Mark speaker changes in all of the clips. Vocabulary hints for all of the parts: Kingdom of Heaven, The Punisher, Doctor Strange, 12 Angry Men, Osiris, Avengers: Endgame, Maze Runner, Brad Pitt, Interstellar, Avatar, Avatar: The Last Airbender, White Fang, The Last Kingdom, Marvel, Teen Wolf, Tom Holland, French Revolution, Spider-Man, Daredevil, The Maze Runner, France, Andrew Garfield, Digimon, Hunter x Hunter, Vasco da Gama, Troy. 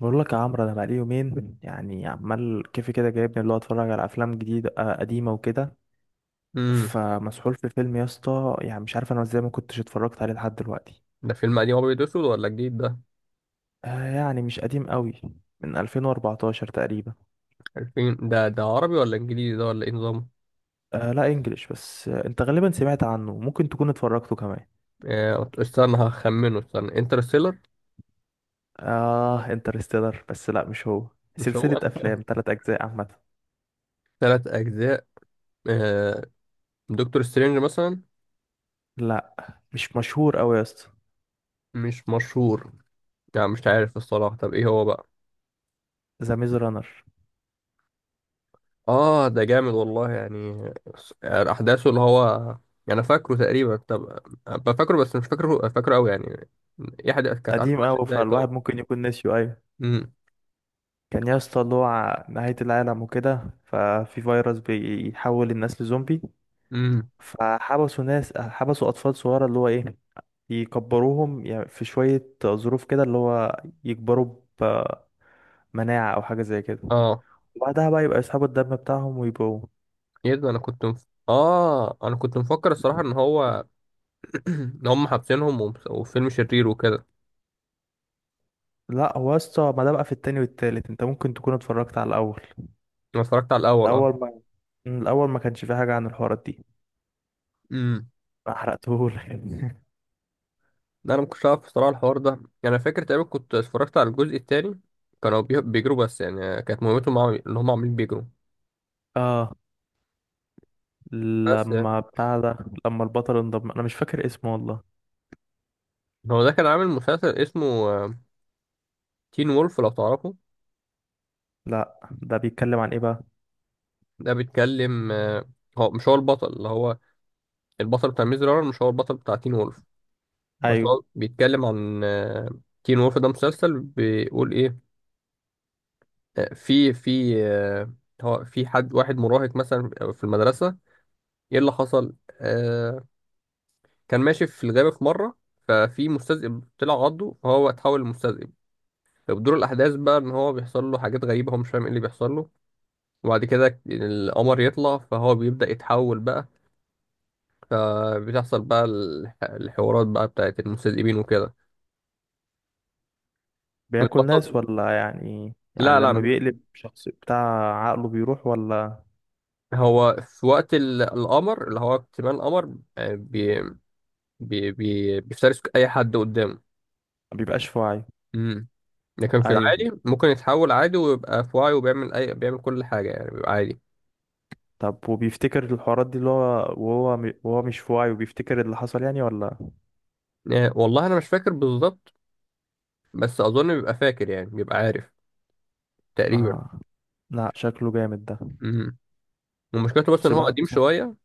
Speaker 1: بقول لك يا عمرو، انا بقالي يومين يعني عمال كيفي كده جايبني اللي هو اتفرج على افلام جديده، قديمه وكده.
Speaker 2: امم.
Speaker 1: فمسحول في فيلم يا اسطى، يعني مش عارف انا ازاي ما كنتش اتفرجت عليه لحد دلوقتي.
Speaker 2: ده فيلم قديم ابيض واسود ولا جديد ده؟
Speaker 1: آه يعني مش قديم قوي. من 2014 تقريبا.
Speaker 2: عارفين ده عربي ولا انجليزي ده ولا ايه نظامه؟
Speaker 1: آه لا انجليش بس. آه، انت غالبا سمعت عنه، ممكن تكون اتفرجته كمان.
Speaker 2: استنى هخمنه، استنى انترستيلر.
Speaker 1: اه انترستيلر، بس لا مش هو.
Speaker 2: مش
Speaker 1: سلسله
Speaker 2: هو.
Speaker 1: افلام ثلاث اجزاء عامه.
Speaker 2: ثلاث اجزاء. آه، دكتور سترينج مثلا.
Speaker 1: لا مش مشهور قوي يا اسطى.
Speaker 2: مش مشهور. يعني مش عارف الصراحه، طب ايه هو بقى؟
Speaker 1: ذا ميز رانر.
Speaker 2: اه، ده جامد والله يعني. يعني احداثه اللي هو، يعني انا فاكره تقريبا. طب أبقى فاكره، بس مش فاكره فاكره قوي يعني. ايه حد كانت عارفه
Speaker 1: قديم
Speaker 2: ماشيه
Speaker 1: قوي،
Speaker 2: ازاي
Speaker 1: فالواحد
Speaker 2: طبعا.
Speaker 1: ممكن يكون ناسيه. ايوه،
Speaker 2: امم.
Speaker 1: كان يا اسطى اللي هو نهاية العالم وكده، ففي فيروس بيحول الناس لزومبي.
Speaker 2: امم.
Speaker 1: فحبسوا ناس، حبسوا أطفال صغيرة اللي هو إيه، يكبروهم يعني في شوية ظروف كده اللي هو يكبروا بمناعة أو حاجة زي كده.
Speaker 2: اه.
Speaker 1: وبعدها بقى يبقى يسحبوا الدم بتاعهم ويبقوا.
Speaker 2: ايه ده، انا كنت مفكر الصراحه ان هو ان هم حابسينهم، وفيلم شرير وكده.
Speaker 1: لا هو يا اسطى، ما ده بقى في التاني والتالت، انت ممكن تكون اتفرجت على الأول.
Speaker 2: انا اتفرجت على الاول، اه.
Speaker 1: الأول ما، الأول ما كانش فيه حاجة عن الحوارات دي.
Speaker 2: امم.
Speaker 1: ما حرقتهولك
Speaker 2: لا، انا ما كنتش عارف الصراحه الحوار ده، يعني انا فاكر تقريبا كنت اتفرجت على الجزء الثاني. كانوا بيجروا، بس يعني كانت ان هم عاملين بيجروا.
Speaker 1: اه
Speaker 2: بس يعني
Speaker 1: لما بتاع ده، لما البطل انضم انا مش فاكر اسمه والله.
Speaker 2: هو ده كان عامل مسلسل اسمه تين وولف، لو تعرفه.
Speaker 1: لا ده بيتكلم عن ايه بقى؟
Speaker 2: ده بيتكلم هو مش هو البطل، اللي هو البطل بتاع ميز رانر مش هو البطل بتاع تين وولف. بس
Speaker 1: ايوه.
Speaker 2: هو بيتكلم عن تين وولف. ده مسلسل بيقول ايه، في في آه، هو في حد واحد مراهق مثلا في المدرسة. ايه اللي حصل، كان ماشي في الغابة في مرة، ففي مستذئب طلع عضه فهو اتحول لمستذئب. فبدور الأحداث بقى إن هو بيحصل له حاجات غريبة، هو مش فاهم ايه اللي بيحصل له. وبعد كده القمر يطلع فهو بيبدأ يتحول بقى. فبتحصل بقى الحوارات بقى بتاعت المستذئبين وكده.
Speaker 1: بياكل ناس
Speaker 2: البطل.
Speaker 1: ولا يعني، يعني
Speaker 2: لا لا،
Speaker 1: لما بيقلب شخص بتاع عقله بيروح ولا؟
Speaker 2: هو في وقت القمر، اللي هو اكتمال القمر، آه، بي بي بي بيفترس أي حد قدامه.
Speaker 1: ما بيبقاش في وعيه.
Speaker 2: امم. لكن في
Speaker 1: ايوه.
Speaker 2: العادي ممكن يتحول عادي ويبقى في وعي، وبيعمل اي بيعمل كل حاجه يعني، بيبقى عادي.
Speaker 1: طب وبيفتكر الحوارات دي اللي هو وهو وهو مش في وعيه وبيفتكر اللي حصل يعني، ولا؟
Speaker 2: يعني والله انا مش فاكر بالظبط، بس اظن بيبقى فاكر يعني بيبقى عارف تقريبا.
Speaker 1: اه لا شكله جامد ده.
Speaker 2: امم. ومشكلته بس
Speaker 1: بس
Speaker 2: ان هو
Speaker 1: الواحد
Speaker 2: قديم
Speaker 1: بصراحة.
Speaker 2: شويه.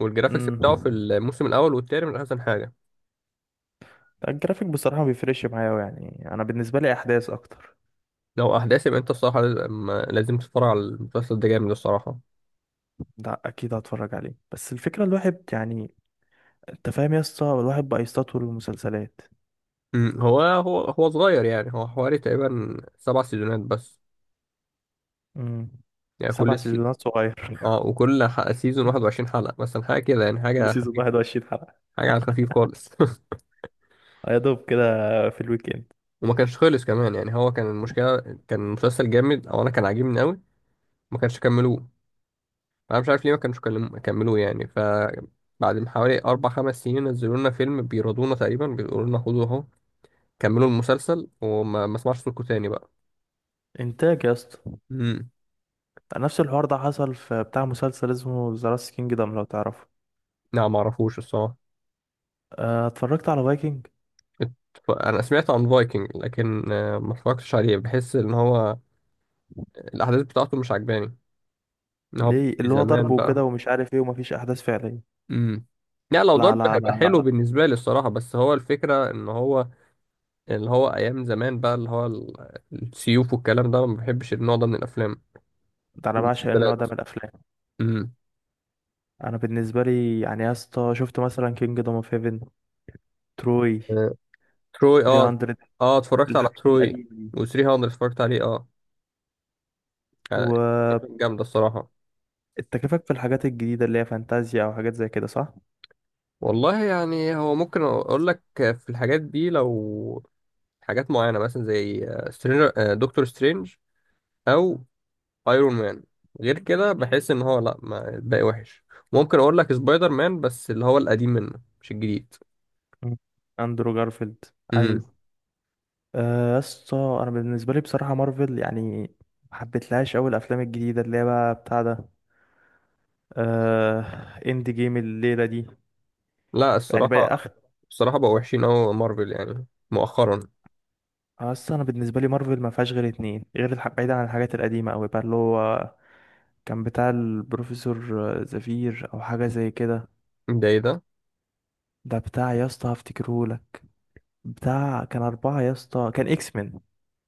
Speaker 2: والجرافيكس بتاعه في
Speaker 1: امم.
Speaker 2: الموسم الاول والتاني من احسن حاجه.
Speaker 1: الجرافيك بصراحة ما بيفرقش معايا أوي، يعني انا بالنسبة لي احداث اكتر.
Speaker 2: لو احداث، يبقى انت الصراحه لازم لازم تتفرج على المسلسل ده، جامد الصراحه.
Speaker 1: لا اكيد هتفرج عليه، بس الفكرة الواحد يعني، انت فاهم يا اسطى، الواحد بقى يستطول المسلسلات.
Speaker 2: هو صغير يعني، هو حوالي تقريبا سبع سيزونات بس.
Speaker 1: امم.
Speaker 2: يعني
Speaker 1: سبع
Speaker 2: كل سي...
Speaker 1: سيزونات صغير
Speaker 2: اه، وكل سيزون 21 حلقه مثلا، حاجه كده يعني،
Speaker 1: كل
Speaker 2: حاجه
Speaker 1: سيزون
Speaker 2: خفيفه.
Speaker 1: 21 حلقة؟
Speaker 2: حاجه على الخفيف خالص.
Speaker 1: يا دوب كده. في الويكند.
Speaker 2: وما كانش خلص كمان، يعني هو كان المشكله كان مسلسل جامد، او انا كان عاجبني قوي، ما كانش كملوه. انا مش عارف ليه ما كانش كملوه يعني. بعد ما حوالي اربع خمس سنين نزلوا لنا فيلم بيرضونا تقريبا، بيقولوا لنا خدوا اهو، كملوا المسلسل وما ما اسمعش صوتكم تاني بقى.
Speaker 1: انتاج يا اسطى.
Speaker 2: امم.
Speaker 1: نفس الحوار ده حصل في بتاع مسلسل اسمه ذا لاست كينجدم لو تعرفه.
Speaker 2: لا ما اعرفوش الصراحه.
Speaker 1: اه، اتفرجت على فايكنج؟
Speaker 2: ات- انا سمعت عن فايكنج، لكن ما اتفرجتش عليه، بحس ان هو الاحداث بتاعته مش عجباني، ان هو
Speaker 1: ليه،
Speaker 2: في
Speaker 1: اللي هو ضرب
Speaker 2: زمان بقى.
Speaker 1: وكده ومش عارف ايه ومفيش احداث فعليه؟
Speaker 2: امم. لا لو
Speaker 1: لا،
Speaker 2: ضرب
Speaker 1: لا،
Speaker 2: هيبقى
Speaker 1: لا، لا،
Speaker 2: حلو بالنسبه لي الصراحه، بس هو الفكره ان هو اللي هو ايام زمان بقى اللي هو السيوف والكلام ده، أنا ما بحبش النوع ده من الافلام،
Speaker 1: ده انا بعشق النوع ده
Speaker 2: المسلسلات.
Speaker 1: من الافلام.
Speaker 2: امم.
Speaker 1: انا بالنسبه لي يعني يا اسطى، شفت مثلا كينجدم اوف هيفن، تروي،
Speaker 2: آه، تروي، اه.
Speaker 1: 300،
Speaker 2: اه، اتفرجت على
Speaker 1: الحاجات
Speaker 2: تروي.
Speaker 1: القديمه دي
Speaker 2: و300 اتفرجت عليه، اه.
Speaker 1: و...
Speaker 2: يعني كانت جامده الصراحه.
Speaker 1: انت كيفك في الحاجات الجديدة اللي هي فانتازيا او حاجات زي كده، صح؟
Speaker 2: والله يعني هو ممكن اقول لك في الحاجات دي، لو حاجات معينه مثلا زي سترينجر، دكتور سترينج، او ايرون مان. غير كده بحس ان هو لا، ما الباقي وحش. ممكن اقول لك سبايدر مان، بس اللي هو القديم منه مش الجديد.
Speaker 1: مم. اندرو جارفيلد. ايوه.
Speaker 2: امم.
Speaker 1: يا اسطى، انا بالنسبة لي بصراحة مارفل يعني ما حبيتلهاش اوي. الافلام الجديدة اللي هي بقى بتاع ده، آه، اند جيم الليلة دي،
Speaker 2: لا
Speaker 1: يعني بقى
Speaker 2: الصراحه،
Speaker 1: اخ.
Speaker 2: بصراحة بقوا وحشين أوي مارفل يعني مؤخرا.
Speaker 1: اصل انا بالنسبة لي مارفل ما فيهاش غير اتنين، غير الح، بعيدا عن الحاجات القديمة اوي بقى، اللي هو كان بتاع البروفيسور زفير او حاجة زي كده.
Speaker 2: ده إيه ده؟
Speaker 1: ده بتاع يا اسطى هفتكرهولك. بتاع كان أربعة يا اسطى، كان اكس مان.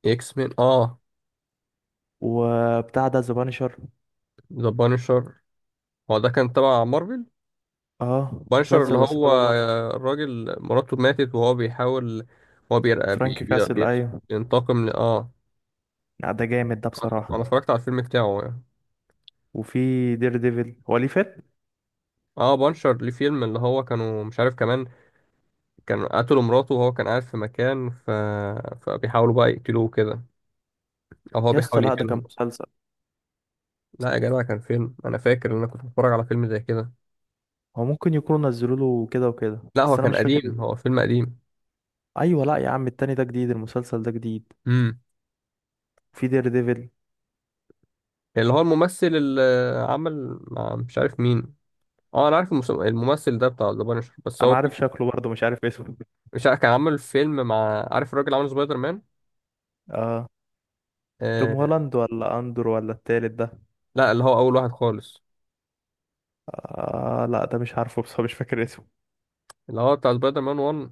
Speaker 2: إكس مان، آه.
Speaker 1: وبتاع ده ذا بانشر.
Speaker 2: ذا بانشر. هو ده كان تبع مارفل؟
Speaker 1: اه
Speaker 2: بانشر اللي
Speaker 1: مسلسل بس
Speaker 2: هو
Speaker 1: تبع مارفل.
Speaker 2: الراجل مراته ماتت وهو بيحاول هو بير... بي...
Speaker 1: فرانك
Speaker 2: بي...
Speaker 1: كاسل
Speaker 2: بي...
Speaker 1: ايوه.
Speaker 2: بينتقم. ل... آه
Speaker 1: لا ده جامد ده
Speaker 2: أنا
Speaker 1: بصراحة.
Speaker 2: اتفرجت على الفيلم بتاعه يعني.
Speaker 1: وفي دير ديفل. هو ليه فيلم؟
Speaker 2: آه، بانشر ليه فيلم، اللي هو كانوا مش عارف كمان كان قتلوا مراته، وهو كان قاعد في مكان. فبيحاولوا بقى يقتلوه كده، أو هو
Speaker 1: يا اسطى
Speaker 2: بيحاول
Speaker 1: لا ده كان
Speaker 2: يقتلهم.
Speaker 1: مسلسل.
Speaker 2: لا يا جدع، كان فيلم، أنا فاكر إن أنا كنت بتفرج على فيلم زي كده.
Speaker 1: هو ممكن يكونوا نزلوا له كده وكده
Speaker 2: لا هو
Speaker 1: بس انا
Speaker 2: كان
Speaker 1: مش فاكر.
Speaker 2: قديم، هو فيلم قديم.
Speaker 1: ايوه لا يا عم، التاني ده جديد، المسلسل ده جديد.
Speaker 2: امم.
Speaker 1: في دير ديفل.
Speaker 2: اللي هو الممثل اللي عمل مع مش عارف مين. اه، انا عارف الممثل ده بتاع ذا بانشر، بس هو
Speaker 1: انا عارف شكله برضه، مش عارف اسمه.
Speaker 2: مش عارف كان عامل فيلم مع، عارف الراجل اللي عمل سبايدر مان.
Speaker 1: اه. توم
Speaker 2: آه
Speaker 1: هولاند ولا اندر ولا التالت ده؟
Speaker 2: لا، اللي هو اول واحد خالص،
Speaker 1: آه لا ده مش عارفه، بس مش فاكر اسمه.
Speaker 2: اللي هو بتاع سبايدر مان 1.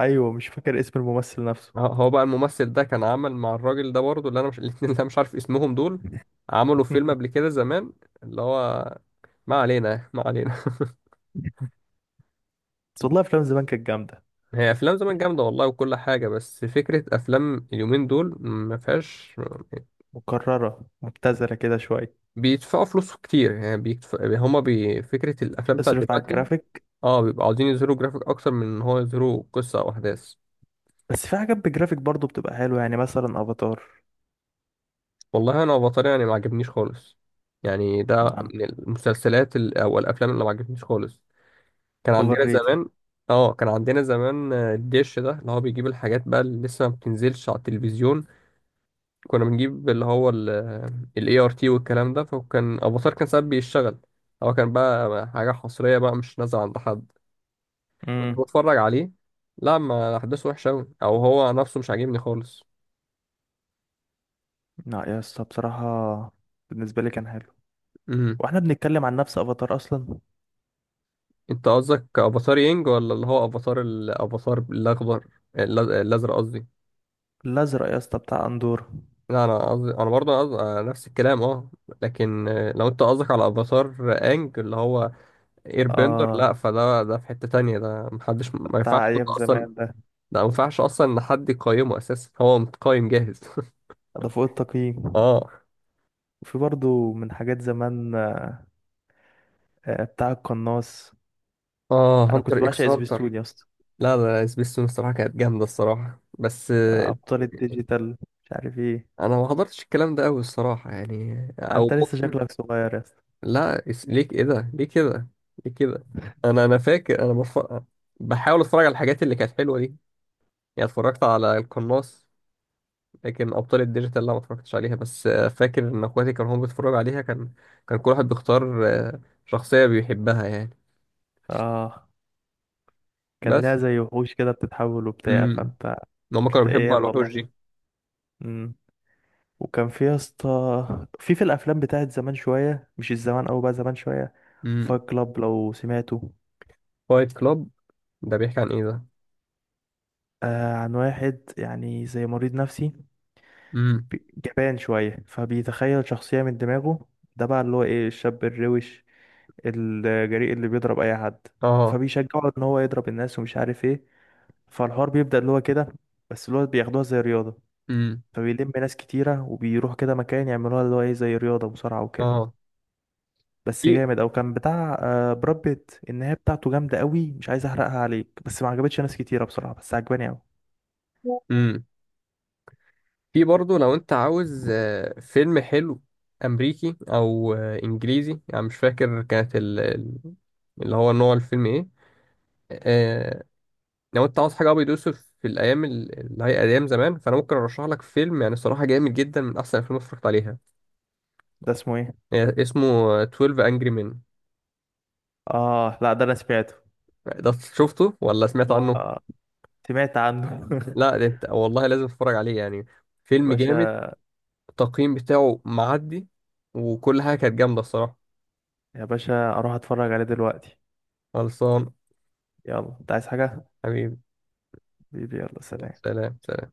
Speaker 1: ايوه مش فاكر اسم الممثل نفسه.
Speaker 2: هو بقى الممثل ده كان عامل مع الراجل ده برضه، اللي انا مش الاتنين اللي انا مش عارف اسمهم دول عملوا فيلم قبل كده زمان، اللي هو، ما علينا ما علينا.
Speaker 1: بس والله افلام زمان كانت جامدة.
Speaker 2: هي افلام زمان
Speaker 1: يعني
Speaker 2: جامده والله وكل حاجه، بس فكره افلام اليومين دول ما فيهاش،
Speaker 1: مكررة مبتذلة كده شوية.
Speaker 2: بيدفعوا فلوس كتير يعني، فكرة الأفلام بتاعت
Speaker 1: اصرف على
Speaker 2: دلوقتي،
Speaker 1: الجرافيك.
Speaker 2: اه، بيبقوا عاوزين يظهروا جرافيك أكتر من إن هو يظهروا قصة أو أحداث.
Speaker 1: بس في حاجات بجرافيك برضو بتبقى حلوة، يعني مثلا افاتار.
Speaker 2: والله أنا أفاتار يعني ما عجبنيش خالص، يعني ده
Speaker 1: نعم.
Speaker 2: من المسلسلات أو الأفلام اللي ما عجبتنيش خالص. كان
Speaker 1: اوفر
Speaker 2: عندنا
Speaker 1: ريتد.
Speaker 2: زمان. اه، كان عندنا زمان الدش ده اللي هو بيجيب الحاجات بقى اللي لسه ما بتنزلش على التلفزيون، كنا بنجيب اللي هو ال ART والكلام ده، فكان افاتار كان ساعات بيشتغل. هو كان بقى حاجة حصرية بقى مش نازلة عند حد، كنت
Speaker 1: امم.
Speaker 2: بتفرج عليه. لا ما احداثه وحشه قوي، او هو نفسه مش عاجبني خالص.
Speaker 1: لا يا اسطى بصراحة، بالنسبة لي كان حلو.
Speaker 2: امم.
Speaker 1: واحنا بنتكلم عن نفس افاتار اصلا.
Speaker 2: انت قصدك افاتار ينج، ولا اللي هو الافاتار الاخضر، الازرق قصدي؟
Speaker 1: الازرق يا اسطى بتاع اندورا.
Speaker 2: لا انا قصدي انا برضه قصدي نفس الكلام، اه. لكن لو انت قصدك على افاتار انج اللي هو اير بندر،
Speaker 1: اه
Speaker 2: لا فده ده في حتة تانية، ده محدش ما ينفعش
Speaker 1: بتاع
Speaker 2: حد
Speaker 1: ايام
Speaker 2: اصلا،
Speaker 1: زمان ده.
Speaker 2: ده ما ينفعش اصلا ان حد يقيمه، اساسا هو متقيم جاهز.
Speaker 1: ده فوق التقييم.
Speaker 2: اه.
Speaker 1: وفي برضو من حاجات زمان، بتاع القناص.
Speaker 2: اه،
Speaker 1: انا كنت
Speaker 2: هانتر اكس
Speaker 1: بعشق
Speaker 2: هانتر.
Speaker 1: سبيستون يا اسطى.
Speaker 2: لا لا لا، سبيستون الصراحة كانت جامدة الصراحة، بس
Speaker 1: ابطال الديجيتال، مش عارف ايه.
Speaker 2: أنا ما حضرتش الكلام ده أوي الصراحة يعني، أو
Speaker 1: انت لسه
Speaker 2: ممكن.
Speaker 1: شكلك صغير يا اسطى.
Speaker 2: لا، ليه كده ليه كده ليه كده. أنا فاكر، بحاول أتفرج على الحاجات اللي كانت حلوة دي. يعني اتفرجت على القناص، لكن أبطال الديجيتال لا ما اتفرجتش عليها، بس فاكر إن إخواتي كانوا هم بيتفرجوا عليها. كان كل واحد بيختار شخصية بيحبها يعني.
Speaker 1: اه كان لها
Speaker 2: بس.
Speaker 1: زي وحوش كده بتتحول وبتاع
Speaker 2: امم.
Speaker 1: فانت.
Speaker 2: هم كانوا
Speaker 1: كانت
Speaker 2: بيحبوا
Speaker 1: ايام
Speaker 2: على الوحوش
Speaker 1: والله.
Speaker 2: دي.
Speaker 1: امم. وكان في يا اسطى في الافلام بتاعت زمان شويه، مش الزمان او بقى زمان شويه.
Speaker 2: امم.
Speaker 1: فايت كلاب لو سمعته.
Speaker 2: فايت كلاب. ده بيحكي عن إيه ده؟
Speaker 1: آه، عن واحد يعني زي مريض نفسي.
Speaker 2: امم.
Speaker 1: جبان شويه، فبيتخيل شخصيه من دماغه. ده بقى اللي هو ايه، الشاب الروش الجريء اللي بيضرب اي حد.
Speaker 2: اه.
Speaker 1: فبيشجعه ان هو يضرب الناس ومش عارف ايه. فالحوار بيبدا اللي هو كده، بس اللي هو بياخدوها زي رياضه.
Speaker 2: امم.
Speaker 1: فبيلم ناس كتيره وبيروح كده مكان يعملوها اللي هو ايه زي رياضه مصارعه وكده.
Speaker 2: اه.
Speaker 1: بس
Speaker 2: في.
Speaker 1: جامد. او كان بتاع براد بيت. النهايه بتاعته جامده قوي، مش عايز احرقها عليك، بس ما عجبتش ناس كتيره بصراحه، بس عجباني قوي.
Speaker 2: امم. في برضه لو انت عاوز فيلم حلو امريكي، او انجليزي يعني، مش فاكر كانت اللي هو نوع الفيلم ايه. آه، لو انت عاوز حاجه ابيض واسود، في الايام اللي هي ايام زمان، فانا ممكن ارشح لك فيلم يعني الصراحه جامد جدا، من احسن الافلام اللي اتفرجت عليها.
Speaker 1: ده اسمه ايه؟
Speaker 2: اسمه 12 انجري مان.
Speaker 1: اه لا ده انا سمعته.
Speaker 2: ده شفته ولا سمعت عنه؟
Speaker 1: اه سمعت عنه
Speaker 2: لا ده انت والله لازم تتفرج عليه يعني،
Speaker 1: يا
Speaker 2: فيلم جامد.
Speaker 1: باشا.
Speaker 2: التقييم بتاعه معدي، وكل حاجه كانت جامده الصراحه.
Speaker 1: يا باشا اروح اتفرج عليه دلوقتي.
Speaker 2: خلصان.
Speaker 1: يلا انت عايز حاجه؟
Speaker 2: حبيبي.
Speaker 1: حبيبي. يلا سلام.
Speaker 2: سلام. سلام.